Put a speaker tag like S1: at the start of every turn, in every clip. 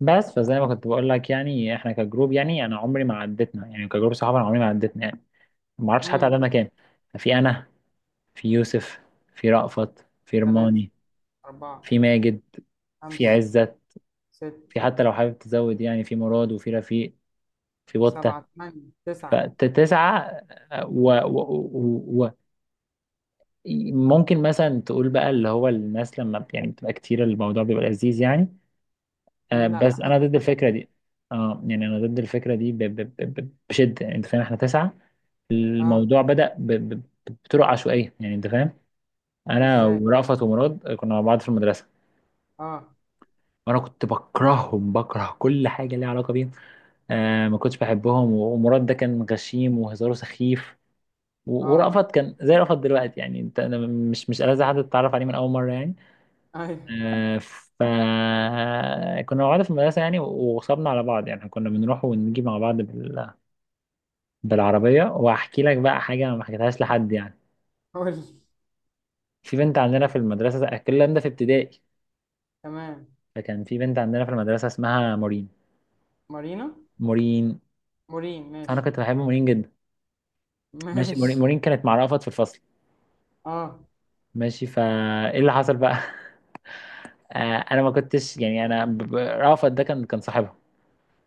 S1: بس فزي ما كنت بقول لك يعني احنا كجروب يعني انا عمري ما عدتنا يعني كجروب صحابه، انا عمري ما عدتنا يعني ما اعرفش حتى
S2: امم.
S1: عددنا كام. في انا، في يوسف، في رأفت، في
S2: ثلاثة.
S1: رماني،
S2: أربعة.
S1: في ماجد، في
S2: خمسة.
S1: عزت،
S2: ستة.
S1: في حتى لو حابب تزود يعني في مراد وفي رفيق، في بطة.
S2: سبعة. ثمانية. تسعة.
S1: فتسعة. و ممكن مثلا تقول بقى اللي هو الناس لما يعني بتبقى كتير الموضوع بيبقى لذيذ يعني. آه،
S2: لا،
S1: بس
S2: حاسس،
S1: انا ضد
S2: لا.
S1: الفكرة دي. اه يعني انا ضد الفكرة دي بشدة. يعني انت فاهم احنا تسعة.
S2: اه.
S1: الموضوع بدأ بطرق عشوائية. يعني انت فاهم، انا
S2: ازاي؟
S1: ورأفت ومراد كنا مع بعض في المدرسة،
S2: اه،
S1: وانا كنت بكرههم، بكره كل حاجة ليها علاقة بيهم. آه ما كنتش بحبهم، ومراد ده كان غشيم وهزاره سخيف.
S2: اه.
S1: ورأفت كان زي رأفت دلوقتي يعني، انت أنا مش ألذ حد تتعرف عليه من اول مرة يعني.
S2: ايوه.
S1: آه ف كنا مع بعض في المدرسة يعني، وصبنا على بعض يعني، كنا بنروح ونجي مع بعض بالعربية. وهحكي لك بقى حاجة ما حكيتهاش لحد يعني.
S2: قول لي.
S1: في بنت عندنا في المدرسة، الكلام ده في ابتدائي.
S2: تمام.
S1: فكان في بنت عندنا في المدرسة اسمها مورين.
S2: مارينا.
S1: مورين.
S2: مورين،
S1: أنا
S2: ماشي.
S1: كنت بحب مورين جدا. ماشي، مورين،
S2: ماشي.
S1: مورين كانت مع رأفت في الفصل.
S2: اه.
S1: ماشي، فإيه اللي حصل بقى؟ آه أنا ما كنتش يعني أنا رأفت ده كان صاحبها.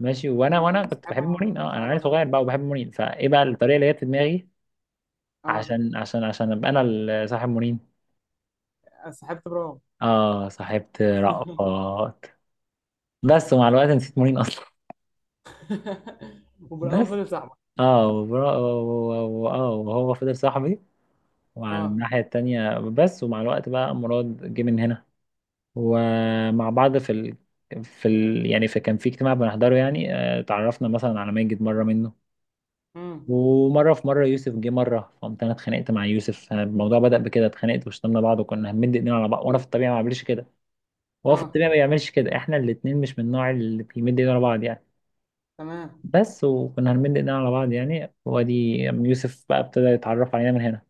S1: ماشي، وأنا كنت بحب
S2: بسحبها،
S1: مورين. أه أنا
S2: بسحبها
S1: عيل صغير
S2: لهم.
S1: بقى وبحب مورين، فإيه بقى الطريقة اللي جت في دماغي؟
S2: اه.
S1: عشان أبقى أنا صاحب مورين.
S2: سحبت برام.
S1: أه صاحبت رأفت. بس ومع الوقت نسيت مورين أصلا. بس.
S2: وبرام فضل صاحبك؟
S1: اه اه وهو فضل صاحبي. وعلى
S2: اه.
S1: الناحية التانية، بس ومع الوقت بقى أمراض جه من هنا. ومع بعض في يعني في كان في اجتماع بنحضره يعني، آه، اتعرفنا مثلا على ماجد مرة منه.
S2: امم.
S1: ومرة في مرة يوسف جه مرة، فقمت أنا اتخانقت مع يوسف. آه، الموضوع بدأ بكده، اتخانقت وشتمنا بعض وكنا هنمد إيدينا على بعض. وأنا في الطبيعة ما بعملش كده، وهو في
S2: اه،
S1: الطبيعة ما بيعملش كده، إحنا الاتنين مش من النوع اللي بيمد إيدينا على بعض يعني.
S2: تمام.
S1: بس وكنا هنمد إيدينا على بعض يعني، وأدي يوسف بقى ابتدى يتعرف علينا من هنا.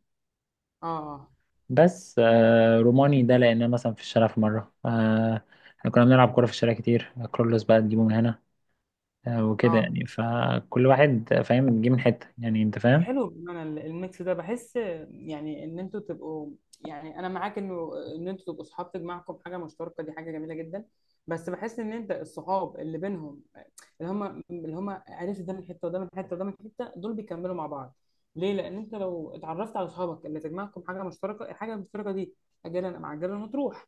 S2: اه، اه.
S1: بس آه روماني ده لقيناه مثلا في الشارع في مرة. آه احنا كنا بنلعب كورة في الشارع كتير، كرولوس بقى تجيبه من هنا. آه وكده
S2: اه،
S1: يعني، فكل واحد فاهم جه من حتة. يعني انت فاهم.
S2: حلو. بمعنى الميكس ده، بحس يعني ان انتوا تبقوا، يعني انا معاك انه ان انتوا تبقوا صحاب تجمعكم حاجه مشتركه، دي حاجه جميله جدا. بس بحس ان انت الصحاب اللي بينهم، اللي هم، اللي هم عرفت ده من حته وده من حته وده من حته، دول بيكملوا مع بعض. ليه؟ لان انت لو اتعرفت على صحابك اللي تجمعكم حاجه مشتركه، الحاجه المشتركه دي اجلا ام عجلا هتروح.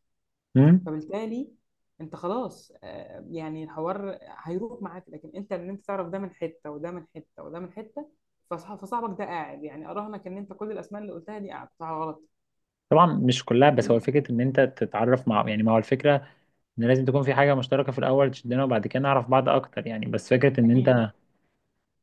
S1: مم؟
S2: فبالتالي انت خلاص، يعني الحوار هيروح معاك. لكن ان انت تعرف ده من حته وده من حته وده من حته، فصاحبك ده قاعد، يعني اراهنك ان انت كل الاسماء اللي قلتها دي قاعد صح ولا غلط.
S1: طبعا مش كلها، بس هو فكرة ان انت تتعرف مع يعني، ما هو الفكرة ان لازم تكون في حاجة مشتركة في الاول تشدنا، وبعد كده نعرف بعض اكتر يعني. بس فكرة ان
S2: اكيد.
S1: انت،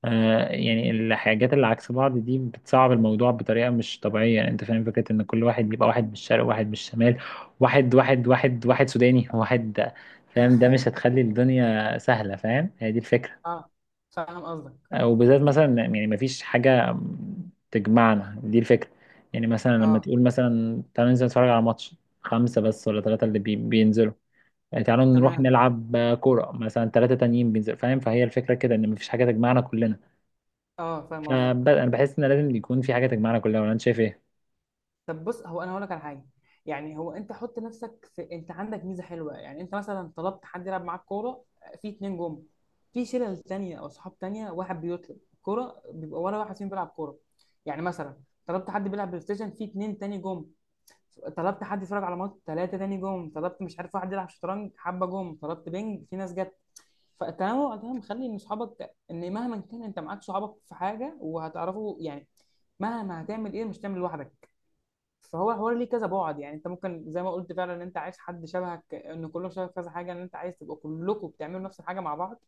S1: آه، يعني الحاجات اللي عكس بعض دي بتصعب الموضوع بطريقة مش طبيعية. يعني انت فاهم فكرة ان كل واحد يبقى واحد من الشرق، واحد من الشمال، واحد واحد واحد واحد سوداني واحد، فاهم؟ ده مش هتخلي الدنيا سهلة، فاهم؟ هي دي الفكرة.
S2: اه، فاهم قصدك.
S1: آه، وبالذات مثلا يعني مفيش حاجة تجمعنا، دي الفكرة. يعني مثلا لما
S2: اه،
S1: تقول مثلا تعالوا ننزل نتفرج على ماتش، خمسة بس ولا ثلاثة اللي بينزلوا. يعني تعالوا نروح
S2: تمام.
S1: نلعب آه، كورة مثلا، ثلاثة تانيين بينزلوا. فاهم؟ فهي الفكرة كده، ان مفيش حاجة تجمعنا كلنا.
S2: اه، فاهم قصدك.
S1: انا بحس ان لازم يكون في حاجه تجمعنا كلنا، ولا انت شايف ايه؟
S2: طب بص، هو انا هقول لك على حاجه. يعني هو انت حط نفسك في، انت عندك ميزه حلوه. يعني انت مثلا طلبت حد يلعب معاك كوره، في اتنين جم. في شلل تانية او صحاب تانية، واحد بيطلب كوره بيبقى ولا واحد فيهم بيلعب كوره؟ يعني مثلا طلبت حد بيلعب بلاي ستيشن، في اتنين تاني جم. طلبت حد يتفرج على ماتش، ثلاثه تاني جم. طلبت مش عارف، واحد يلعب شطرنج، حبه جم. طلبت بينج، في ناس جت. فالتنوع ده مخلي ان صحابك، ان مهما كان انت معاك صحابك في حاجه، وهتعرفوا يعني مهما هتعمل، ايه؟ مش تعمل لوحدك. فهو حوار ليه كذا بعد، يعني انت ممكن زي ما قلت فعلا ان انت عايز حد شبهك، ان كلهم شبه كذا حاجه، ان انت عايز تبقوا كلكم بتعملوا نفس الحاجه مع بعض.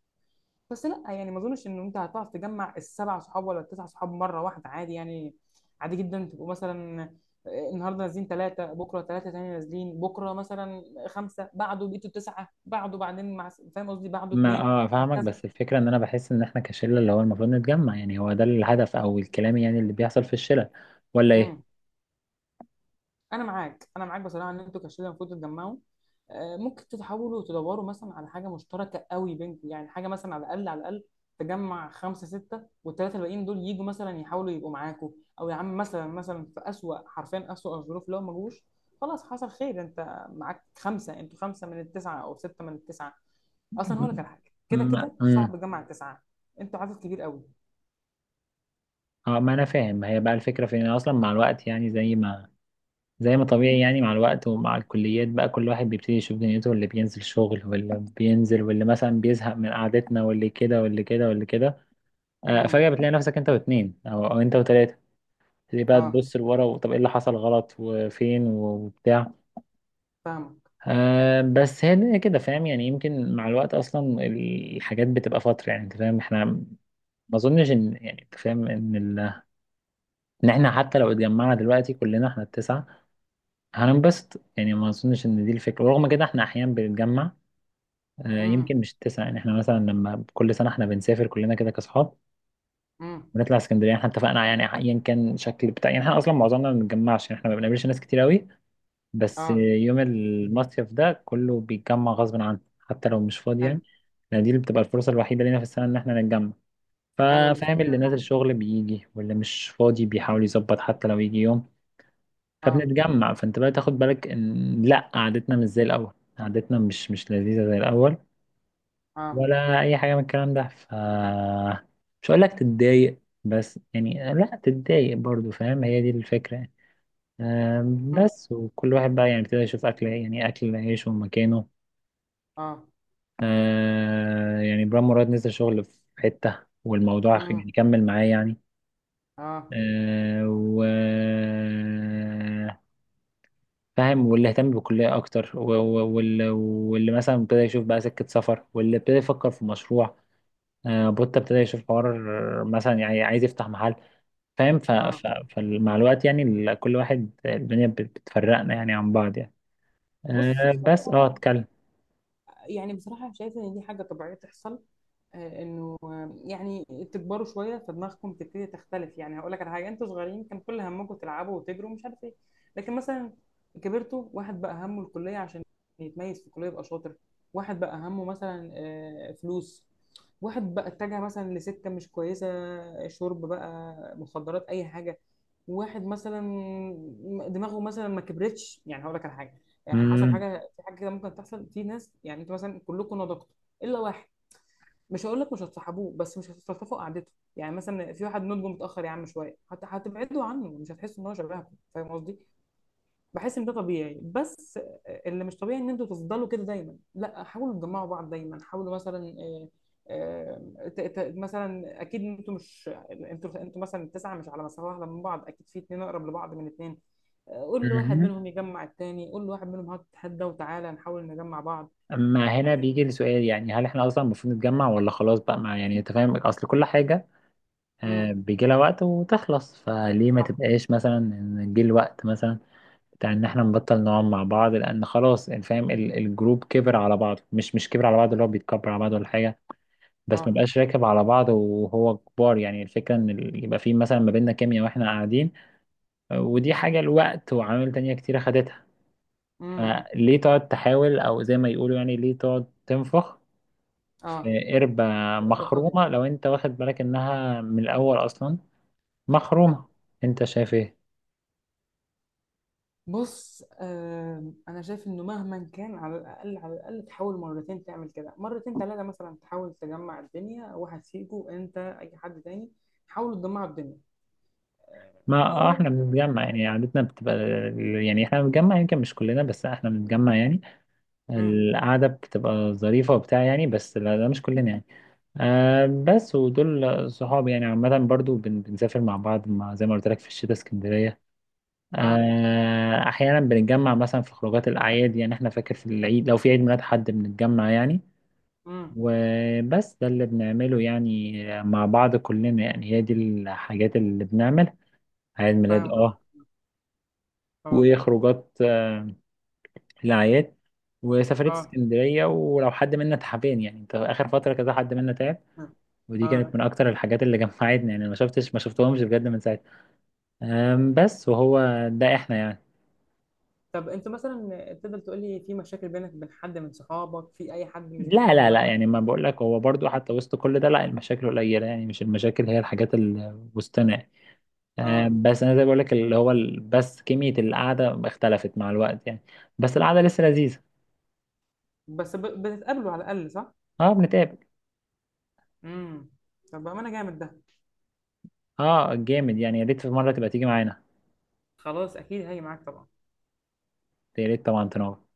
S2: بس لا، يعني ما اظنش ان انت هتعرف تجمع السبع صحاب ولا التسع صحاب مره واحده. عادي يعني، عادي جدا تبقوا مثلا، النهارده نازلين ثلاثه، بكره ثلاثه تاني نازلين، بكره مثلا خمسه، بعده بقيتوا تسعه، بعده بعدين مع، فاهم قصدي، بعده
S1: ما
S2: اثنين
S1: اه فاهمك،
S2: وهكذا.
S1: بس الفكره ان انا بحس ان احنا كشله اللي هو المفروض نتجمع. يعني هو ده الهدف او الكلام يعني اللي بيحصل في الشله، ولا ايه؟
S2: امم. انا معاك، انا معاك بصراحه، ان انتوا كشله المفروض تتجمعوا. ممكن تحاولوا تدوروا مثلا على حاجه مشتركه قوي بينكم، يعني حاجه مثلا على الاقل، على الاقل تجمع خمسه سته، والثلاثه الباقيين دول يجوا مثلا يحاولوا يبقوا معاكم. او يا عم، مثلا في اسوأ، حرفيا اسوأ الظروف، لو ما جوش، خلاص حصل خير. انت معاك خمسه، انتوا خمسه من التسعه او سته من التسعه. اصلا هقول لك على حاجه، كده
S1: ما
S2: كده صعب تجمع التسعه، انتوا عدد كبير قوي.
S1: اه ما انا فاهم. ما هي بقى الفكره في ان اصلا مع الوقت يعني، زي ما طبيعي يعني، مع الوقت ومع الكليات بقى كل واحد بيبتدي يشوف دنيته، اللي بينزل شغل واللي بينزل واللي مثلا بيزهق من قعدتنا واللي كده واللي كده واللي كده. آه فجاه
S2: امم.
S1: بتلاقي نفسك انت واتنين او انت وتلاته، تبتدي بقى
S2: اه،
S1: تبص لورا وطب ايه اللي حصل غلط وفين وبتاع.
S2: فاهمك.
S1: آه بس هي الدنيا كده، فاهم؟ يعني يمكن مع الوقت اصلا الحاجات بتبقى فتره يعني. انت فاهم احنا ما اظنش ان يعني انت فاهم ان ان احنا حتى لو اتجمعنا دلوقتي كلنا احنا التسعه هننبسط يعني، ما اظنش ان دي الفكره، ورغم كده احنا احيانا بنتجمع. آه
S2: امم،
S1: يمكن مش التسعه، يعني احنا مثلا لما كل سنه احنا بنسافر كلنا كده كاصحاب،
S2: امم.
S1: بنطلع اسكندريه، احنا اتفقنا يعني ايا كان شكل بتاع. يعني احنا اصلا معظمنا ما بنتجمعش يعني، احنا ما بنقابلش ناس كتير قوي، بس
S2: اه،
S1: يوم المصيف ده كله بيتجمع غصب عنه حتى لو مش فاضي
S2: حلو.
S1: يعني. لأن دي اللي بتبقى الفرصة الوحيدة لينا في السنة إن إحنا نتجمع.
S2: حلوه دي
S1: ففاهم، اللي
S2: فكره.
S1: نازل شغل بيجي واللي مش فاضي بيحاول يظبط حتى لو يجي يوم،
S2: اه.
S1: فبنتجمع. فأنت بقى تاخد بالك إن لأ، قعدتنا مش زي الأول. قعدتنا مش لذيذة زي الأول
S2: اه.
S1: ولا أي حاجة من الكلام ده. ف مش هقول لك تتضايق، بس يعني لأ تتضايق برضو، فاهم؟ هي دي الفكرة يعني. آم،
S2: مم.
S1: بس وكل واحد بقى يعني ابتدى يشوف أكل إيه، يعني أكل عيشه ومكانه.
S2: اه.
S1: آه، يعني برام مراد نزل شغل في حتة والموضوع
S2: مم.
S1: يعني كمل معاه يعني.
S2: اه.
S1: آه، و فاهم، واللي اهتم بالكلية أكتر واللي مثلا ابتدى يشوف بقى سكة سفر، واللي ابتدى يفكر في مشروع. آه، بوتا ابتدى يشوف حوار مثلا يعني عايز يفتح محل. فاهم.
S2: اه.
S1: فمع الوقت يعني، كل واحد الدنيا بتفرقنا يعني عن بعض يعني.
S2: بص
S1: آه، بس اه
S2: بصراحة،
S1: اتكلم.
S2: يعني بصراحة شايفة إن دي حاجة طبيعية تحصل. إنه يعني تكبروا شوية، فدماغكم تبتدي تختلف. يعني هقول لك على حاجة، أنتوا صغيرين كان كل همكم تلعبوا وتجروا ومش عارف إيه. لكن مثلا كبرتوا، واحد بقى همه الكلية عشان يتميز في الكلية يبقى شاطر. واحد بقى همه مثلا فلوس. واحد بقى اتجه مثلا لسكة مش كويسة، شرب بقى مخدرات أي حاجة. واحد مثلا دماغه مثلا ما كبرتش. يعني هقول لك على حاجه، يعني حصل
S1: مم.
S2: حاجه في حاجه كده ممكن تحصل في ناس. يعني انتوا مثلا كلكم نضجتوا الا واحد، مش هقول لك مش هتصاحبوه، بس مش هتستلطفوا قعدته. يعني مثلا في واحد نضجه متاخر، يا عم شويه، حتى هتبعدوا عنه، مش هتحسوا ان هو شبهكم، فاهم قصدي. بحس ان ده طبيعي، بس اللي مش طبيعي ان انتوا تفضلوا كده دايما، لا حاولوا تجمعوا بعض دايما، حاولوا مثلا، مثلا اكيد انتوا مش، انتوا مثلا التسعه مش على مسافه واحده من بعض، اكيد في اتنين اقرب لبعض من اتنين. قول لواحد
S1: مهم.
S2: منهم يجمع التاني، قول لواحد منهم هات تتحدى وتعالى نحاول نجمع بعض،
S1: اما هنا
S2: يعني.
S1: بيجي السؤال، يعني هل احنا اصلا المفروض نتجمع، ولا خلاص بقى؟ مع يعني انت فاهم اصل كل حاجه آه،
S2: امم.
S1: بيجي لها وقت وتخلص. فليه ما
S2: صح.
S1: تبقاش مثلا إن جه الوقت مثلا بتاع ان احنا نبطل نقعد مع بعض، لان خلاص يعني فاهم الجروب كبر على بعض، مش كبر على بعض اللي هو بيتكبر على بعض ولا حاجه، بس
S2: اه.
S1: ما بقاش راكب على بعض وهو كبار يعني. الفكره ان يبقى في مثلا ما بيننا كيمياء واحنا قاعدين. آه، ودي حاجه الوقت وعوامل تانية كتير خدتها.
S2: امم.
S1: فليه تقعد تحاول؟ او زي ما يقولوا يعني، ليه تقعد تنفخ في
S2: اه.
S1: قربة
S2: قلبة فاضية.
S1: مخرومة لو انت واخد بالك انها من الاول اصلا مخرومة؟ انت شايف ايه؟
S2: بص، انا شايف انه مهما كان، على الاقل، على الاقل تحاول مرتين تعمل كده، مرتين ثلاثة مثلا تحاول تجمع الدنيا، واحد فيكو انت، اي حد تاني، حاولوا تجمعوا الدنيا.
S1: ما
S2: آه،
S1: آه،
S2: و-
S1: احنا بنتجمع يعني، قعدتنا بتبقى يعني، احنا بنتجمع يمكن مش كلنا، بس احنا بنتجمع يعني.
S2: امم.
S1: القعدة بتبقى ظريفة وبتاع يعني، بس لا ده مش كلنا يعني. آه بس ودول صحابي يعني عامة، برضو بنسافر مع بعض مع زي ما قلت لك في الشتاء اسكندرية.
S2: اه.
S1: آه، احيانا بنتجمع مثلا في خروجات الاعياد، يعني احنا فاكر في العيد لو في عيد ميلاد حد بنتجمع يعني.
S2: امم.
S1: وبس ده اللي بنعمله يعني مع بعض كلنا، يعني هي دي الحاجات اللي بنعمل. عيد ميلاد
S2: فاهم
S1: اه،
S2: قصدك. اه،
S1: وخروجات آه، الاعياد، وسفرية
S2: اه،
S1: اسكندرية، ولو حد منا تعبان يعني، انت اخر فترة كذا حد منا تعب، ودي
S2: اه.
S1: كانت من اكتر الحاجات اللي جمعتنا يعني، ما شفتش ما شفتهمش بجد من ساعتها. آم، بس وهو ده احنا يعني.
S2: طب انت مثلا تقدر تقول لي، في مشاكل بينك وبين حد من صحابك، في اي حد مش
S1: لا
S2: بتحبه
S1: لا
S2: مثلا؟
S1: لا يعني ما بقول لك، هو برضو حتى وسط كل ده لا، المشاكل قليلة يعني، مش المشاكل هي الحاجات اللي وسطنا يعني. آه،
S2: اه،
S1: بس انا زي بقول لك اللي هو بس كمية القعدة اختلفت مع الوقت يعني، بس القعدة لسه لذيذة.
S2: بس بتتقابلوا على الاقل، صح؟
S1: اه بنتقابل.
S2: امم. طب بامانه، جامد ده.
S1: اه جامد يعني، يا ريت في مرة تبقى تيجي معانا.
S2: خلاص، اكيد هاجي معاك طبعا.
S1: يا ريت طبعا تنور.